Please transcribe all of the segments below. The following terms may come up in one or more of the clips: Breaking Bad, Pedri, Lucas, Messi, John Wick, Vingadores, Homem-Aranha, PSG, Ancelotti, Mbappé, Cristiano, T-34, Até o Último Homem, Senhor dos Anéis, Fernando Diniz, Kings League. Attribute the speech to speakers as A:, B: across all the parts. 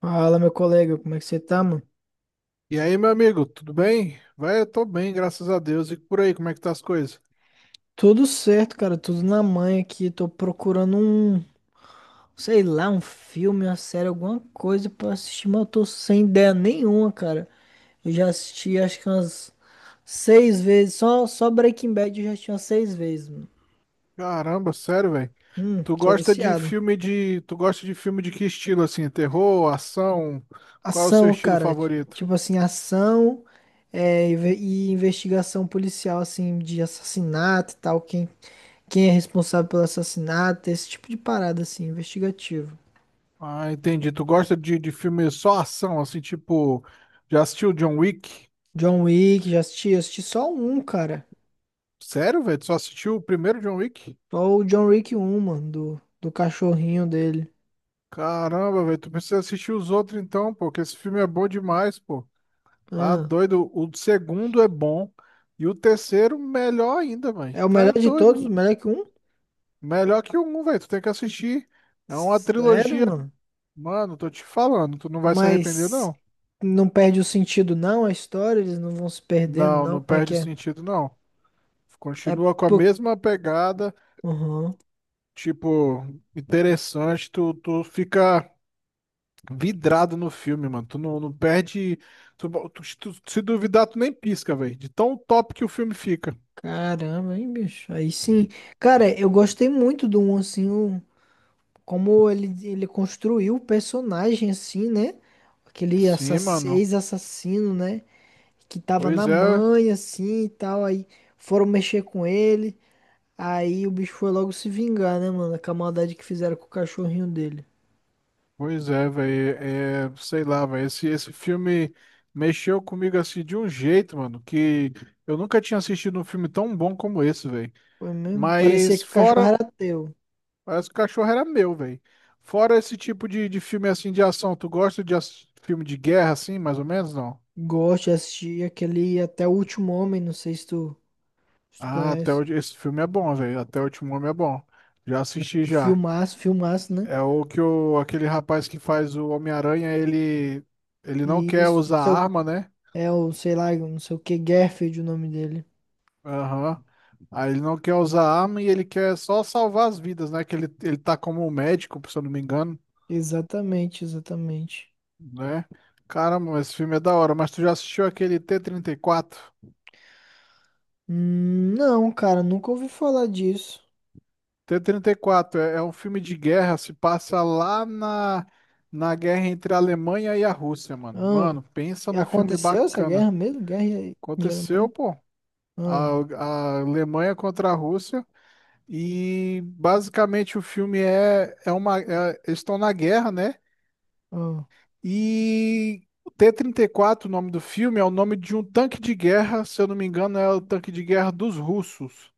A: Fala, meu colega, como é que você tá, mano?
B: E aí, meu amigo, tudo bem? Vai, eu tô bem, graças a Deus. E por aí, como é que tá as coisas?
A: Tudo certo, cara, tudo na mãe aqui. Tô procurando sei lá, um filme, uma série, alguma coisa pra assistir, mas eu tô sem ideia nenhuma, cara. Eu já assisti acho que umas 6 vezes, só Breaking Bad eu já assisti umas 6 vezes, mano.
B: Caramba, sério, velho.
A: Sou viciado.
B: Tu gosta de filme de que estilo assim? Terror, ação? Qual é o seu
A: Ação,
B: estilo
A: cara,
B: favorito?
A: tipo assim, ação é, e investigação policial, assim, de assassinato e tal, quem é responsável pelo assassinato, esse tipo de parada, assim, investigativo.
B: Ah, entendi. Tu gosta de filme só ação, assim, tipo, já assistiu John Wick?
A: John Wick, já assisti, assisti só um, cara.
B: Sério, velho? Tu só assistiu o primeiro John Wick?
A: Só o John Wick um, mano, do cachorrinho dele.
B: Caramba, velho, tu precisa assistir os outros então, pô, porque esse filme é bom demais, pô. Tá
A: Ah,
B: doido? O segundo é bom. E o terceiro, melhor ainda, mano.
A: é o
B: Tu
A: melhor
B: é
A: de
B: doido.
A: todos, o melhor que um?
B: Melhor que o um, velho. Tu tem que assistir. É uma
A: Sério,
B: trilogia.
A: mano?
B: Mano, tô te falando. Tu não vai se arrepender,
A: Mas
B: não.
A: não perde o sentido, não, a história, eles não vão se perdendo,
B: Não,
A: não.
B: não
A: Como é que
B: perde
A: é?
B: sentido, não.
A: É,
B: Continua com a
A: pô.
B: mesma pegada.
A: Uhum.
B: Tipo, interessante. Tu fica vidrado no filme, mano. Tu não perde. Se duvidar, tu nem pisca, velho. De tão top que o filme fica.
A: Caramba, hein, bicho? Aí sim. Cara, eu gostei muito do um, assim, como ele construiu o personagem, assim, né? Aquele assa-
B: Sim, mano.
A: Ex-assassino, né? Que tava
B: Pois
A: na
B: é.
A: mãe assim e tal. Aí foram mexer com ele. Aí o bicho foi logo se vingar, né, mano? Com a maldade que fizeram com o cachorrinho dele.
B: Pois é, velho, sei lá, velho, esse filme mexeu comigo assim de um jeito, mano, que eu nunca tinha assistido um filme tão bom como esse, velho.
A: Foi mesmo? Parecia
B: Mas
A: que o cachorro
B: fora,
A: era teu.
B: parece que o cachorro era meu, velho. Fora esse tipo de filme assim de ação, tu gosta de filme de guerra assim, mais ou menos, não?
A: Gosto de assistir aquele Até o Último Homem, não sei se se tu
B: Ah,
A: conhece.
B: esse filme é bom, velho, Até o Último Homem é bom. Já assisti já.
A: Filmaço, filmaço, né?
B: É o que aquele rapaz que faz o Homem-Aranha, ele não
A: E
B: quer
A: isso, não
B: usar
A: sei o-
B: arma, né?
A: é o, sei lá, não sei o que, Garfield, o nome dele.
B: Aham. Aí ele não quer usar arma e ele quer só salvar as vidas, né? Que ele tá como um médico, se eu não me engano,
A: Exatamente, exatamente.
B: né? Caramba, esse filme é da hora. Mas tu já assistiu aquele t 34?
A: Não, cara, nunca ouvi falar disso.
B: T-34 34 é um filme de guerra, se passa lá na guerra entre a Alemanha e a Rússia, mano.
A: Ah.
B: Mano, pensa
A: E
B: num filme
A: aconteceu essa
B: bacana.
A: guerra mesmo? Guerra de
B: Aconteceu,
A: Alemanha?
B: pô.
A: Ah,
B: A, a Alemanha contra a Rússia. E basicamente o filme eles estão na guerra, né?
A: ah.
B: E o T-34, o nome do filme, é o nome de um tanque de guerra, se eu não me engano, é o tanque de guerra dos russos.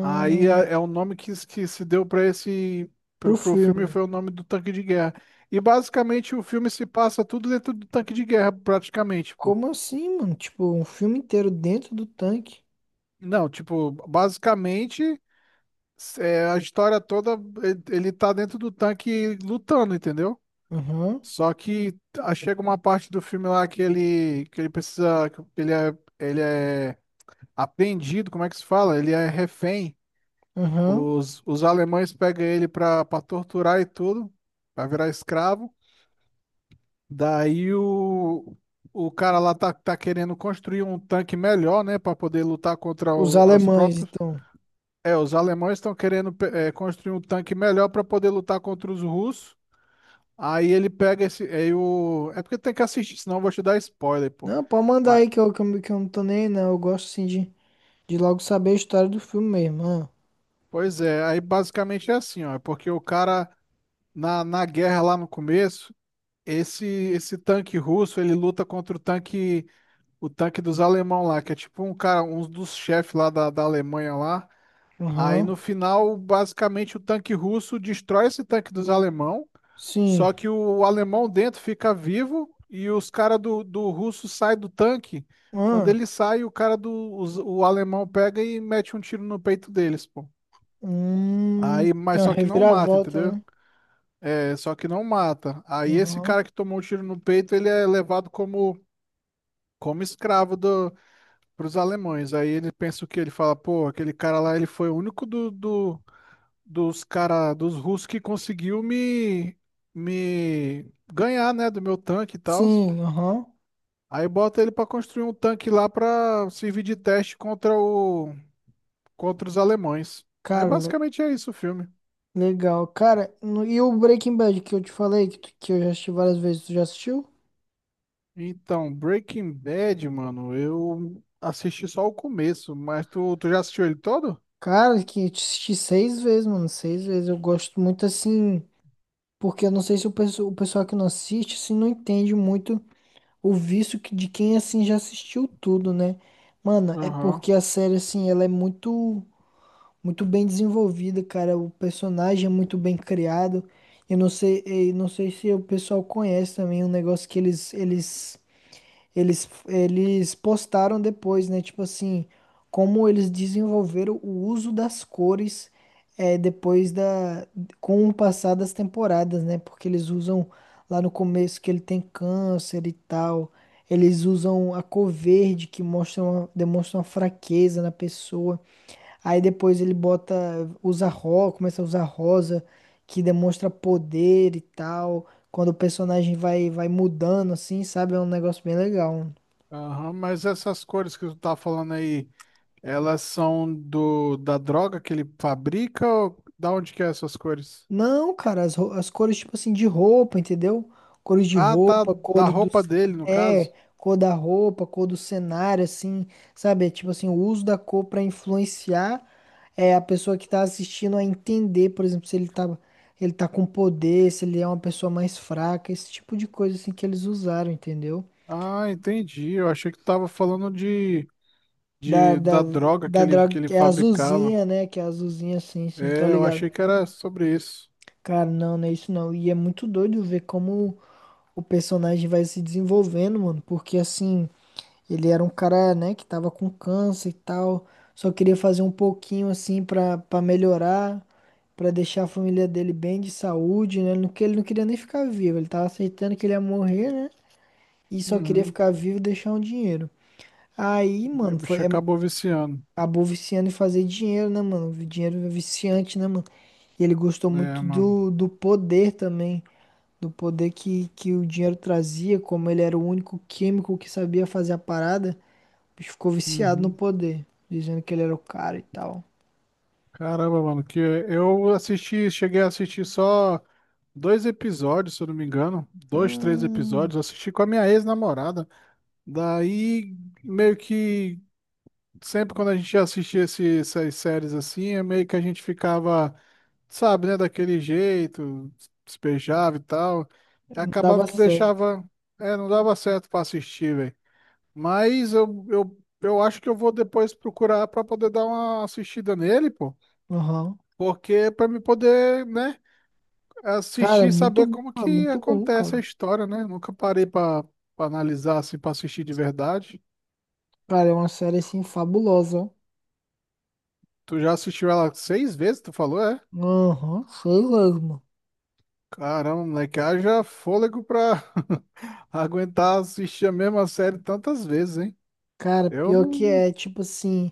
B: Aí é o nome que se deu para esse pro,
A: pro
B: pro filme
A: filme.
B: foi o nome do tanque de guerra. E basicamente o filme se passa tudo dentro do tanque de guerra, praticamente, pô.
A: Como assim, mano? Tipo, um filme inteiro dentro do tanque.
B: Não, tipo, basicamente a história toda ele tá dentro do tanque lutando, entendeu?
A: Aham,
B: Só que chega uma parte do filme lá que ele precisa, ele é apreendido, como é que se fala? Ele é refém.
A: aham.
B: Os alemães pegam ele pra torturar e tudo, pra virar escravo. Daí o cara lá tá querendo construir um tanque melhor, né, pra poder lutar contra
A: Os
B: os
A: alemães,
B: próprios.
A: então.
B: É, os alemães estão querendo construir um tanque melhor pra poder lutar contra os russos. Aí ele pega esse. É porque tem que assistir, senão eu vou te dar spoiler, pô.
A: Não, pode mandar
B: Mas,
A: aí que eu não tô nem aí, não. Eu gosto, assim, de logo saber a história do filme mesmo. Ah.
B: Pois é, aí basicamente é assim, ó. É porque o cara, na guerra lá no começo, esse tanque russo, ele luta contra o tanque dos alemão lá, que é tipo um cara, um dos chefes lá da Alemanha lá. Aí
A: Aham,
B: no final, basicamente, o tanque russo destrói esse tanque dos alemão,
A: sim.
B: só que o alemão dentro fica vivo e os caras do russo saem do tanque. Quando
A: Ah,
B: ele sai, o cara o alemão pega e mete um tiro no peito deles, pô. Aí,
A: tem
B: mas
A: uma
B: só que não mata,
A: reviravolta,
B: entendeu?
A: né?
B: É, só que não mata. Aí esse
A: Aham,
B: cara que tomou um tiro no peito, ele é levado como escravo pros alemães. Aí ele pensa o quê? Ele fala, pô, aquele cara lá, ele foi o único dos russos que conseguiu me ganhar, né, do meu tanque e tal.
A: sim, aham.
B: Aí bota ele pra construir um tanque lá pra servir de teste contra os alemães. Aí
A: Cara,
B: basicamente é isso o filme.
A: legal. Cara, e o Breaking Bad que eu te falei, que eu já assisti várias vezes, tu já assistiu?
B: Então, Breaking Bad, mano, eu assisti só o começo, mas tu já assistiu ele todo?
A: Cara, que eu assisti 6 vezes, mano, 6 vezes. Eu gosto muito assim, porque eu não sei se o pessoal que não assiste, assim, não entende muito o vício que, de quem, assim, já assistiu tudo, né? Mano, é
B: Aham.
A: porque a série, assim, muito bem desenvolvida, cara. O personagem é muito bem criado. Eu não sei se o pessoal conhece também um negócio que eles postaram depois, né? Tipo assim, como eles desenvolveram o uso das cores é, com o passar das temporadas, né? Porque eles usam lá no começo que ele tem câncer e tal. Eles usam a cor verde que demonstra uma fraqueza na pessoa. Aí depois ele bota, usa rosa, começa a usar rosa, que demonstra poder e tal. Quando o personagem vai, vai mudando, assim, sabe? É um negócio bem legal.
B: Aham, mas essas cores que tu tá falando aí, elas são do da droga que ele fabrica ou da onde que é essas cores?
A: Não, cara, as cores, tipo assim, de roupa, entendeu? Cores de
B: Ah, tá
A: roupa,
B: da
A: cores dos.
B: roupa dele, no
A: É,
B: caso.
A: cor da roupa, cor do cenário, assim, sabe? É tipo assim, o uso da cor pra influenciar é, a pessoa que tá assistindo a entender, por exemplo, se ele tá com poder, se ele é uma pessoa mais fraca, esse tipo de coisa, assim, que eles usaram, entendeu?
B: Ah, entendi. Eu achei que tu tava falando
A: Da,
B: de
A: da,
B: da droga que
A: da
B: ele,
A: drag,
B: que ele
A: que é
B: fabricava.
A: azulzinha, né? Que é azulzinha, assim, sim, tá
B: É, eu
A: ligado?
B: achei que era sobre isso.
A: Cara, não, não é isso não. E é muito doido ver como o personagem vai se desenvolvendo, mano, porque assim, ele era um cara, né, que tava com câncer e tal, só queria fazer um pouquinho assim pra melhorar, pra deixar a família dele bem de saúde, né? Ele não queria nem ficar vivo, ele tava aceitando que ele ia morrer, né? E só queria
B: Uhum.
A: ficar vivo e deixar um dinheiro. Aí,
B: E o
A: mano,
B: bicho acabou viciando.
A: acabou viciando em fazer dinheiro, né, mano? Dinheiro é viciante, né, mano? E ele gostou
B: É,
A: muito
B: mano.
A: do poder também do poder que o dinheiro trazia, como ele era o único químico que sabia fazer a parada, o bicho ficou viciado no
B: Uhum.
A: poder, dizendo que ele era o cara e tal.
B: Caramba, mano, que eu assisti, cheguei a assistir só dois episódios, se eu não me engano, dois, três
A: Hum,
B: episódios. Eu assisti com a minha ex-namorada. Daí, meio que sempre quando a gente ia assistir essas séries assim, é meio que a gente ficava sabe, né, daquele jeito, despejava e tal.
A: não
B: Acabava
A: dava
B: que
A: certo.
B: deixava, não dava certo pra assistir, velho. Mas eu acho que eu vou depois procurar pra poder dar uma assistida nele, pô.
A: Aham.
B: Porque é pra me poder, né,
A: Cara,
B: assistir e saber como
A: é
B: que
A: muito bom,
B: acontece a
A: cara.
B: história, né? Nunca parei pra analisar assim, pra assistir de verdade.
A: Cara, é uma série assim fabulosa, ó.
B: Tu já assistiu ela seis vezes, tu falou, é?
A: Aham, sei lá, mano.
B: Caramba, moleque, haja fôlego pra aguentar assistir a mesma série tantas vezes, hein?
A: Cara,
B: Eu
A: pior que
B: não.
A: é, tipo assim,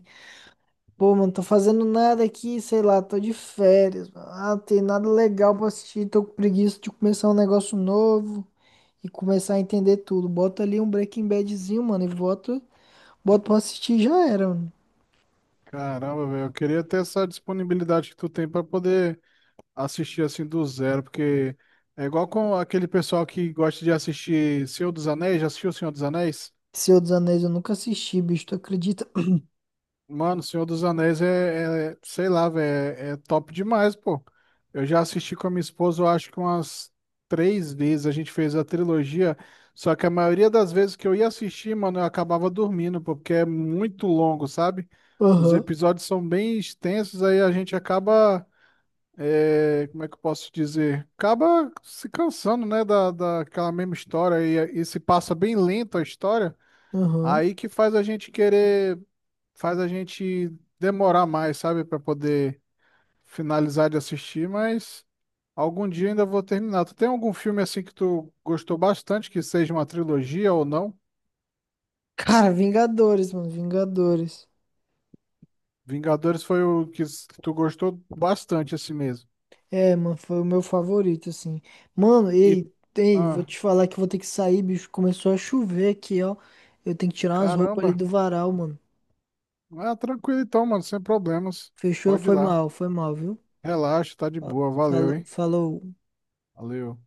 A: pô, mano, tô fazendo nada aqui, sei lá, tô de férias, mano. Ah, não tem nada legal pra assistir, tô com preguiça de começar um negócio novo. E começar a entender tudo. Bota ali um Breaking Badzinho, mano, e bota, bota pra assistir e já era, mano.
B: Caramba, velho, eu queria ter essa disponibilidade que tu tem pra poder assistir assim do zero, porque é igual com aquele pessoal que gosta de assistir Senhor dos Anéis, já assistiu o Senhor dos Anéis?
A: Senhor dos Anéis eu nunca assisti, bicho, tu acredita?
B: Mano, Senhor dos Anéis sei lá, velho, é top demais, pô. Eu já assisti com a minha esposa, eu acho que umas três vezes a gente fez a trilogia, só que a maioria das vezes que eu ia assistir, mano, eu acabava dormindo, pô, porque é muito longo, sabe? Os
A: Aham,
B: episódios são bem extensos, aí a gente acaba, como é que eu posso dizer? Acaba se cansando, né, daquela mesma história e se passa bem lento a história,
A: aham.
B: aí que faz a gente demorar mais, sabe, pra poder finalizar de assistir, mas algum dia ainda vou terminar. Tu tem algum filme assim que tu gostou bastante, que seja uma trilogia ou não?
A: Cara, Vingadores, mano, Vingadores.
B: Vingadores foi o que que tu gostou bastante assim mesmo.
A: É, mano, foi o meu favorito, assim. Mano,
B: E
A: ei, ei, vou
B: ah,
A: te falar que eu vou ter que sair, bicho. Começou a chover aqui, ó. Eu tenho que tirar umas roupas ali
B: Caramba.
A: do varal, mano.
B: Ah, tranquilo então, mano, sem problemas.
A: Fechou?
B: Pode ir lá.
A: Foi mal, viu?
B: Relaxa, tá de boa. Valeu,
A: Falou,
B: hein?
A: falou.
B: Valeu.